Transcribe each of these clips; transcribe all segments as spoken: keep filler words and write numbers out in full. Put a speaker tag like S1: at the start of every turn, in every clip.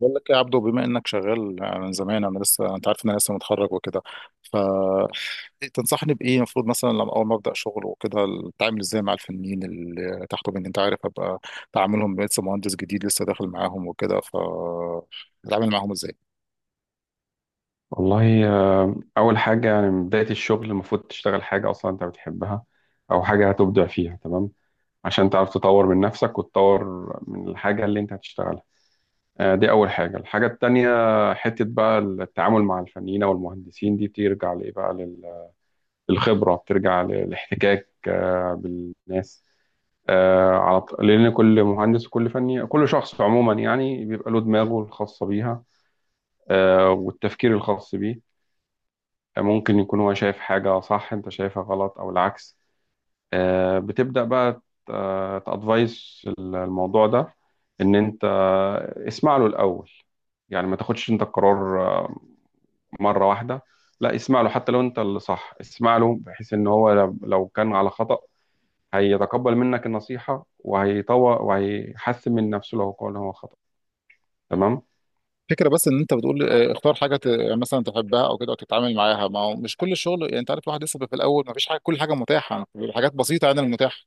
S1: بقول لك يا عبدو، بما انك شغال من زمان، انا لسه، انت عارف ان انا لسه متخرج وكده. فتنصحني بايه المفروض مثلا لما اول ما ابدا شغل وكده؟ اتعامل ازاي مع الفنيين اللي تحته مني، انت عارف، ابقى تعاملهم لسه مهندس جديد لسه داخل معاهم وكده، ف اتعامل معاهم ازاي؟
S2: والله آه، أول حاجة يعني من بداية الشغل المفروض تشتغل حاجة أصلا أنت بتحبها أو حاجة هتبدع فيها. تمام. عشان تعرف تطور من نفسك وتطور من الحاجة اللي أنت هتشتغلها. آه، دي أول حاجة. الحاجة التانية حتة بقى التعامل مع الفنيين أو المهندسين دي بترجع لإيه بقى لل- للخبرة، بترجع للاحتكاك آه، بالناس. آه، على ط- لأن كل مهندس وكل فني كل شخص عموما يعني بيبقى له دماغه الخاصة بيها، آه، والتفكير الخاص بيه. ممكن يكون هو شايف حاجة صح انت شايفها غلط او العكس. آه، بتبدأ بقى تأدفايس الموضوع ده ان انت اسمع له الاول، يعني ما تاخدش انت القرار آه، مرة واحدة. لا اسمع له، حتى لو انت اللي صح اسمع له، بحيث ان هو لو لو كان على خطأ هيتقبل منك النصيحة وهيطور وهيحسن من نفسه، لو قال هو خطأ. تمام.
S1: فكرة، بس ان انت بتقول آه، اختار حاجه ت- مثلا تحبها او كده وتتعامل معاها. ما هو مش كل الشغل، يعني انت عارف الواحد لسه بيبقى في الاول ما فيش حاجه، كل حاجه متاحه بيبقى حاجات بسيطه عن المتاح.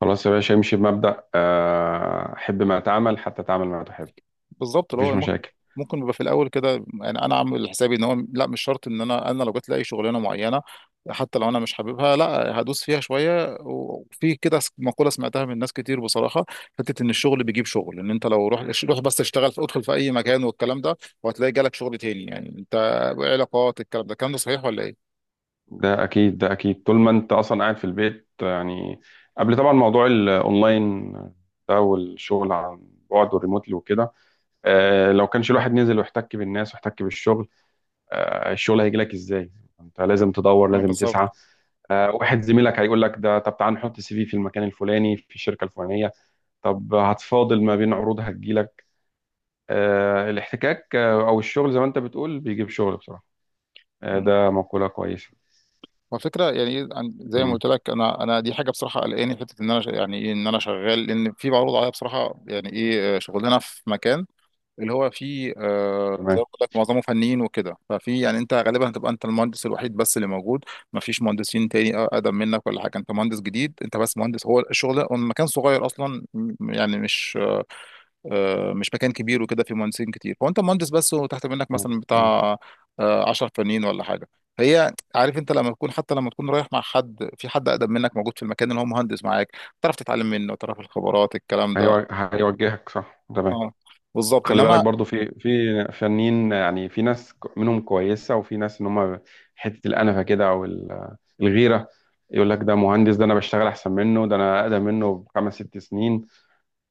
S2: خلاص يا باشا امشي بمبدأ آه، حب ما تعمل حتى تعمل ما تحب.
S1: بالظبط اللي
S2: مفيش
S1: هو ممكن
S2: مشاكل.
S1: ممكن بيبقى في الاول كده. يعني انا عامل حسابي ان هو لا، مش شرط ان انا انا لو جت لي شغلانه معينه حتى لو انا مش حاببها لا هدوس فيها شويه. وفي كده س- مقوله سمعتها من ناس كتير بصراحه، حته ان الشغل بيجيب شغل. ان انت لو روح روح بس اشتغل، في ادخل في اي مكان والكلام ده وهتلاقي جالك شغل تاني. يعني انت علاقات، الكلام ده الكلام ده صحيح ولا ايه؟
S2: ده اكيد ده اكيد، طول ما انت اصلا قاعد في البيت يعني قبل طبعا موضوع الاونلاين ده والشغل عن بعد والريموتلي وكده. آه، لو كانش الواحد نزل واحتك بالناس واحتك بالشغل، آه، الشغل هيجي لك ازاي؟ انت لازم تدور
S1: آه،
S2: لازم تسعى.
S1: بالظبط.
S2: آه، واحد زميلك هيقول لك ده طب تعال نحط سي في في المكان الفلاني في الشركه الفلانيه. طب هتفاضل ما بين عروض هتجيلك. آه، الاحتكاك، آه، او الشغل زي ما انت بتقول بيجيب شغل بصراحه. آه، ده مقوله كويسه.
S1: هو فكرة يعني إيه، عن- زي ما
S2: مم.
S1: قلت لك انا انا دي حاجه بصراحه قلقاني، حته ان انا ش- يعني ايه ان انا شغال لان في معروض عليا بصراحه. يعني ايه، آه، شغلنا في مكان، اللي هو فيه، آه زي
S2: تمام.
S1: ما قلت لك معظمه فنيين وكده. ففي، يعني انت غالبا هتبقى انت المهندس الوحيد بس اللي موجود، ما فيش مهندسين تاني اقدم منك ولا حاجه. انت مهندس جديد، انت بس مهندس، هو الشغل ده- هو المكان صغير اصلا، م- يعني مش، آه، مش مكان كبير وكده فيه مهندسين كتير. فانت مهندس بس وتحت منك مثلا
S2: مم.
S1: بتاع آه، عشرة فنيين ولا حاجه. هي عارف، انت لما تكون، حتى لما تكون رايح مع حد، في حد اقدم منك موجود في المكان اللي هو مهندس معاك، تعرف تتعلم منه، تعرف الخبرات الكلام ده.
S2: هيو- هيوجهك صح. تمام.
S1: اه، بالظبط.
S2: خلي بالك
S1: انما
S2: برضو في في فنانين، يعني في ناس ك- منهم كويسة وفي ناس ان هم حتة الأنفة كده او ال- الغيرة. يقول لك ده مهندس، ده انا بشتغل احسن منه، ده انا اقدم منه بخمس ست سنين.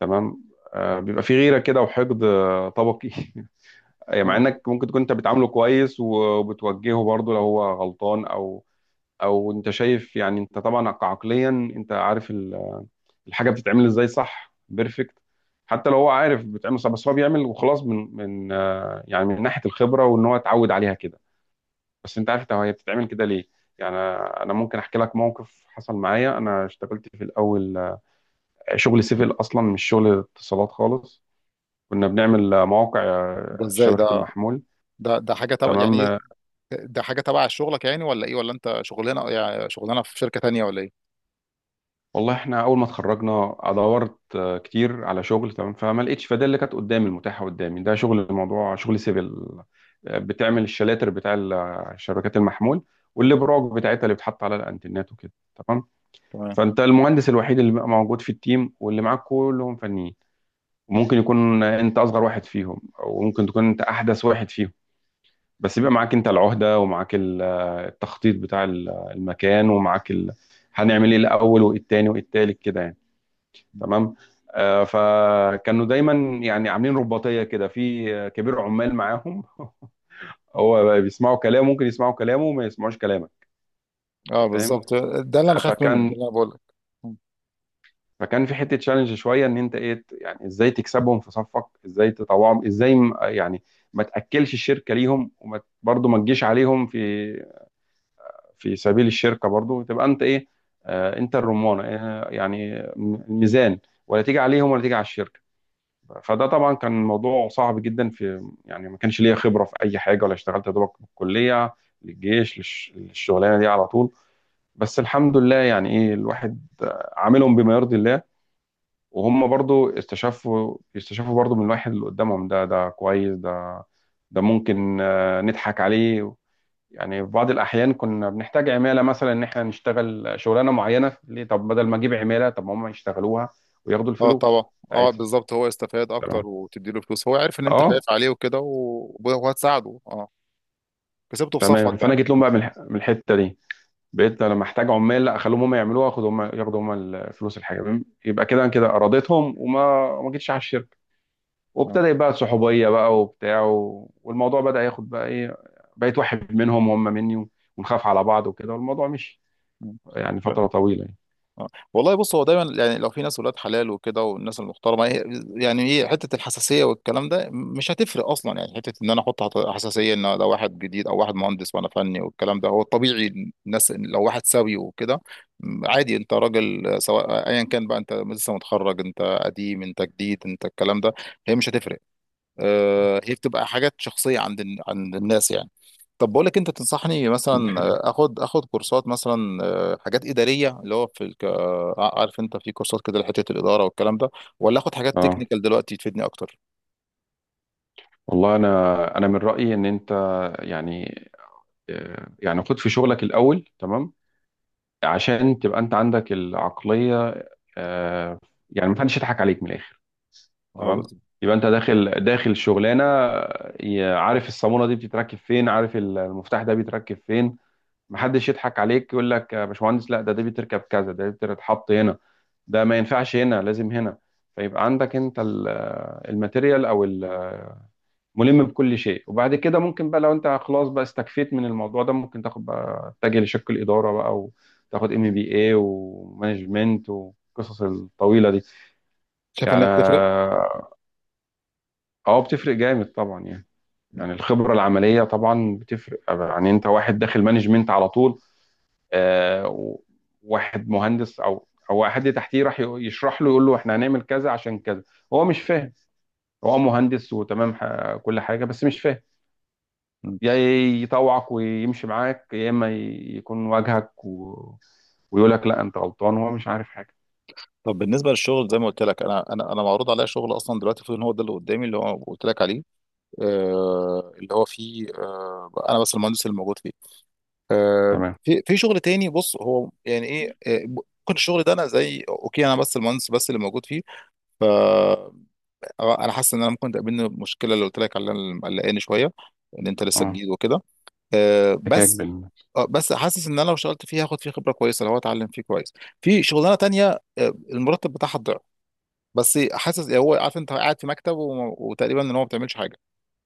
S2: تمام. آه بيبقى في غيرة كده وحقد آه، طبقي أي مع
S1: اه،
S2: انك ممكن تكون انت بتعامله كويس وبتوجهه برضو لو هو غلطان، او او انت شايف يعني انت طبعا عقليا انت عارف الحاجه بتتعمل ازاي صح، بيرفكت. حتى لو هو عارف بتعمل صح بس هو بيعمل وخلاص من من آه، يعني من ناحيه الخبره وان هو اتعود عليها كده. بس انت عارف، طب هي بتتعمل كده ليه؟ يعني انا أنا ممكن احكي لك موقف حصل معايا. انا اشتغلت في الاول آه، شغل سيفل اصلا، مش شغل اتصالات خالص. كنا بنعمل آه، مواقع
S1: ده
S2: آه،
S1: ازاي
S2: شبكه
S1: ده؟
S2: المحمول.
S1: ده ده حاجه تبع، يعني ايه،
S2: تمام.
S1: ده حاجه تبع شغلك يعني؟ ولا ايه؟ ولا انت شغلانه، يعني شغلانه في شركه تانيه ولا ايه؟
S2: والله احنا اول ما اتخرجنا دورت آه، كتير على شغل. تمام. فما لقيتش، فده اللي كانت قدامي المتاحه قدامي ده شغل، الموضوع شغل سيفل. آه، بتعمل الشلاتر بتاع ال- آه، شبكات المحمول والابراج بتاعتها اللي بتحط على الانترنت وكده. تمام.
S1: تمام.
S2: فانت المهندس الوحيد اللي بقى موجود في التيم واللي معاك كلهم فنيين. وممكن يكون انت اصغر واحد فيهم او ممكن تكون انت احدث واحد فيهم. بس بيبقى معاك انت العهده، ومعاك ال- آه، التخطيط بتاع ال- آه، المكان، ومعاك ال... هنعمل ايه الاول وايه التاني وايه التالت كده يعني. تمام. آه، فكانوا دايما يعني عاملين رباطيه كده في آه، كبير عمال معاهم هو بقى بيسمعوا كلامه، ممكن يسمعوا كلامه وما يسمعوش كلامك. انت
S1: اه
S2: فاهم.
S1: بالظبط، ده اللي انا
S2: آه،
S1: خايف منه، ده
S2: فكان
S1: اللي انا بقول لك.
S2: فكان في حته تشالنج شويه، ان انت ايه ت- يعني ازاي تكسبهم في صفك، ازاي تطوعهم، ازاي م- يعني ما تاكلش الشركه ليهم، وما برضه ما تجيش عليهم في في سبيل الشركه برضه، تبقى انت ايه؟ آه، انت الرمانه آه، يعني الميزان، ولا تيجي عليهم ولا تيجي على الشركه. فده طبعا كان موضوع صعب جدا، في يعني ما كانش ليا خبره في اي حاجه، ولا اشتغلت يا دوبك من الكليه للجيش للش- للشغلانه دي على طول. بس الحمد لله، يعني ايه، الواحد عاملهم بما يرضي الله. وهم برضو استشفوا يستشفوا برضو من الواحد اللي قدامهم ده، ده كويس، ده ده ممكن آه، نضحك عليه. يعني في بعض الاحيان كنا بنحتاج عماله مثلا ان احنا نشتغل شغلانه معينه ليه، طب بدل ما اجيب عماله طب ما هم يشتغلوها وياخدوا
S1: اه طبعا.
S2: الفلوس
S1: اه
S2: بتاعتها.
S1: بالظبط، هو استفاد اكتر
S2: تمام.
S1: وتدي له فلوس، هو عارف ان انت
S2: اه.
S1: خايف عليه وكده و- وهتساعده. اه، كسبته في صفك
S2: تمام. فانا
S1: يعني.
S2: جيت لهم بقى من الح- من الحته دي، بقيت لما احتاج عمال لا اخليهم هم يعملوها، واخدوا هم ياخدوا هم الفلوس، الحاجه تمام. يبقى كده أنا كده ارادتهم وما ما جيتش على الشركه.
S1: اه.
S2: وابتدى بقى صحوبيه بقى وبتاع و... والموضوع بدا ياخد بقى ايه. بقيت واحد منهم وهم مني، ونخاف على بعض وكده، والموضوع مشي
S1: مم.
S2: يعني
S1: آه.
S2: فتره طويله يعني.
S1: اه. والله بص، هو دايما يعني لو في ناس ولاد حلال وكده والناس المحترمه، هي- يعني ايه، حته الحساسيه والكلام ده مش هتفرق اصلا. يعني حته ان انا احط، حط- حساسيه ان ده واحد جديد او واحد مهندس وانا فني والكلام ده. هو الطبيعي الناس لو واحد سوي وكده، م، عادي انت راجل. آه، سواء ايا كان بقى، انت لسه متخرج، انت قديم، انت جديد، انت الكلام ده، هي مش هتفرق. آه، هي بتبقى حاجات شخصية عند الن- عند الناس يعني. طب بقول لك، انت تنصحني
S2: ده
S1: مثلا
S2: حقيقي.
S1: آه، اخد اخد كورسات مثلا، آه، حاجات اداريه اللي هو في الك... آه، عارف انت في كورسات كده لحته الاداره والكلام ده؟ ولا اخد حاجات
S2: اه.
S1: تكنيكال دلوقتي تفيدني اكتر؟
S2: والله انا انا من رايي ان انت، يعني آه، يعني خد في شغلك الاول. تمام. عشان تبقى انت عندك العقلية آه، يعني محدش يضحك عليك من الاخر.
S1: آه،
S2: تمام. يبقى انت داخل داخل شغلانة، آه، عارف الصامولة دي بتتركب فين، عارف المفتاح ده بيتركب فين. محدش يضحك عليك يقول لك يا باشمهندس، لا ده ده بيتركب كذا، ده بيتحط هنا، ده ما ينفعش هنا لازم هنا. فيبقى عندك انت ال- آه، الماتيريال، او ال ملم بكل شيء. وبعد كده ممكن بقى لو انت خلاص بقى استكفيت من الموضوع ده ممكن تاخد بقى تتجه لشق الإدارة بقى وتاخد ام بي اي ومانجمنت والقصص الطويلة دي.
S1: شايف
S2: يعني
S1: انها بتفرق؟
S2: اه بتفرق جامد طبعا، يعني.
S1: لا.
S2: يعني الخبرة العملية طبعا بتفرق. يعني انت واحد داخل مانجمنت على طول، آه و- واحد مهندس او او حد تحتيه راح يق- يشرح له يقول له احنا هنعمل كذا عشان كذا، هو مش فاهم. هو مهندس وتمام، ح- كل حاجة بس مش فاهم.
S1: مم.
S2: يا يطوعك ويمشي معاك يا اما ي- يكون واجهك و... ويقول لك لا انت غلطان وهو مش عارف حاجه.
S1: طب بالنسبه للشغل، زي ما قلت لك انا انا انا معروض عليا شغل اصلا دلوقتي، المفروض ان هو ده اللي قدامي اللي هو قلت لك عليه، آه، اللي هو فيه، آه، انا بس المهندس اللي موجود فيه. آه،
S2: تمام.
S1: في في شغل تاني. بص هو يعني ايه، آه، ممكن الشغل ده، انا زي اوكي انا بس المهندس بس اللي موجود فيه، ف انا حاسس ان انا ممكن تقابلني المشكله اللي قلت لك عليها اللي مقلقاني شويه، ان انت لسه
S2: اه.
S1: جديد وكده. آه،
S2: حكاك
S1: بس
S2: بال
S1: آه، بس حاسس ان انا لو اشتغلت فيه هاخد فيه خبره كويسه لو اتعلم فيه كويس. في شغلانه تانية، آه، المرتب بتاعها الضعف، بس حاسس هو، عارف انت قاعد في مكتب وم- وتقريبا ان هو ما بتعملش حاجه.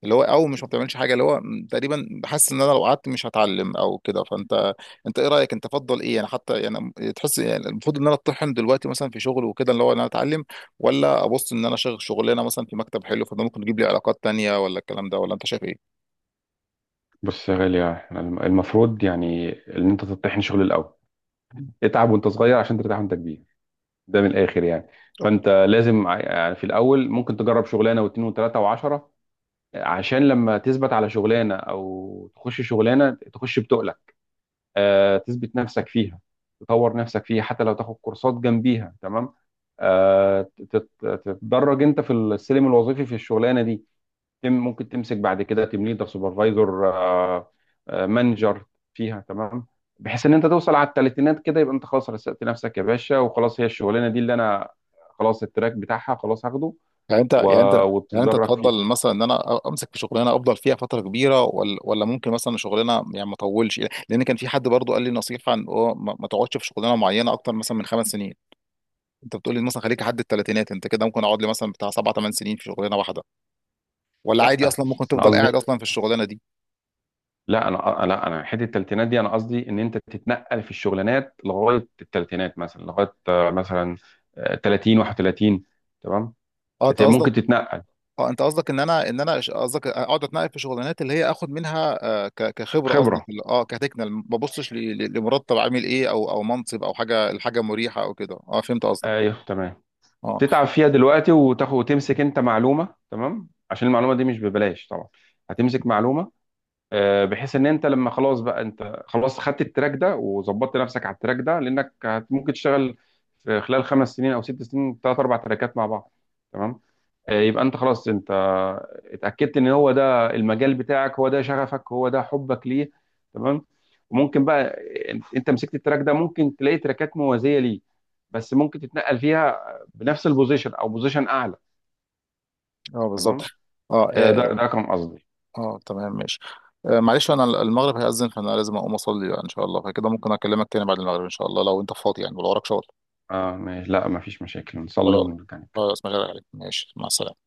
S1: اللي هو، او مش ما بتعملش حاجه، اللي هو م- تقريبا بحس ان انا لو قعدت مش هتعلم او كده. فانت، انت ايه رايك، انت تفضل ايه يعني؟ حتى يعني تحس، يعني المفروض ان انا اتطحن دلوقتي مثلا في شغل وكده اللي هو ان انا اتعلم؟ ولا ابص ان انا شغل شغلانه مثلا في مكتب حلو، فده ممكن يجيب لي علاقات تانية ولا الكلام ده؟ ولا انت شايف ايه؟
S2: بص يا غالي، احنا الم- المفروض يعني ان انت تطحن شغل الاول. اتعب وانت صغير عشان ترتاح وانت كبير. ده من الاخر يعني. فانت لازم ع- يعني في الاول ممكن تجرب شغلانه واتنين وتلاته وعشره، عشان لما تثبت على شغلانه، او تخش شغلانه تخش بتقل آه، تثبت نفسك فيها، تطور نفسك فيها، حتى لو تاخد كورسات جنبيها. تمام. آه، تت- تتدرج انت في السلم الوظيفي في الشغلانه دي. تم ممكن تمسك بعد كده تيم ليدر، سوبرفايزر، آه، آه، مانجر فيها. تمام. بحيث ان انت توصل على الثلاثينات كده يبقى انت خلاص رسقت نفسك يا باشا. وخلاص هي الشغلانه دي اللي انا خلاص التراك بتاعها خلاص هاخده
S1: يعني انت يعني انت
S2: و-
S1: يعني انت
S2: وتتدرج فيها.
S1: تفضل مثلا ان انا امسك في شغلانه افضل فيها فتره كبيره، ولا ولا ممكن مثلا شغلانه يعني ما اطولش؟ لان كان في حد برضو قال لي نصيحه ان هو ما ما تقعدش في شغلانه معينه اكتر مثلا من خمس سنين. انت بتقول لي مثلا خليك لحد الثلاثينات، انت كده ممكن اقعد لي مثلا بتاع سبع ثمان سنين في شغلانه واحده؟ ولا عادي
S2: لا
S1: اصلا ممكن
S2: انا
S1: تفضل
S2: قصدي،
S1: قاعد اصلا في الشغلانه دي؟
S2: لا انا، لا انا حته التلاتينات دي انا قصدي ان انت تتنقل في الشغلانات لغايه التلاتينات مثلا، لغايه آه، مثلا آه، ثلاثين واحد وثلاثين. تمام.
S1: اه انت
S2: بت- ممكن
S1: قصدك
S2: تتنقل.
S1: اه انت قصدك ان انا ان انا ش- قصدك اقعد اتنقل في شغلانات اللي هي اخد منها، آه، ك- كخبره قصدك،
S2: خبره،
S1: ال- اه كتكنال ما ببصش ل- ل- لمرتب عامل ايه، او او منصب او حاجه، الحاجه مريحه او كده. اه فهمت قصدك.
S2: ايوه. تمام.
S1: اه.
S2: تتعب فيها دلوقتي وتاخد وتمسك انت معلومه. تمام. عشان المعلومه دي مش ببلاش طبعا، هتمسك معلومه. آه، بحيث ان انت لما خلاص بقى انت خلاص خدت التراك ده وظبطت نفسك على التراك ده، لانك هت- ممكن تشتغل في خلال خمس سنين او ست سنين ثلاث اربع تراكات مع بعض. تمام. آه، يبقى انت خلاص انت اتاكدت ان هو ده المجال بتاعك، هو ده شغفك، هو ده حبك ليه. تمام. وممكن بقى انت أنت مسكت التراك ده ممكن تلاقي تراكات موازيه ليه، بس ممكن تتنقل فيها بنفس البوزيشن او بوزيشن اعلى.
S1: اه
S2: تمام.
S1: بالظبط. اه
S2: آه، ده
S1: اه,
S2: ده كان قصدي.
S1: آه تمام ماشي. آه معلش، انا المغرب هيأذن، فانا لازم اقوم اصلي بقى ان شاء الله. فكده ممكن اكلمك تاني بعد المغرب ان شاء الله، لو انت فاضي يعني ولو وراك شغل.
S2: اه ماشي. لا مفيش مشاكل نصلي
S1: خلاص.
S2: ونرجع نتكلم.
S1: خلاص ما عليك، ماشي، مع السلامة.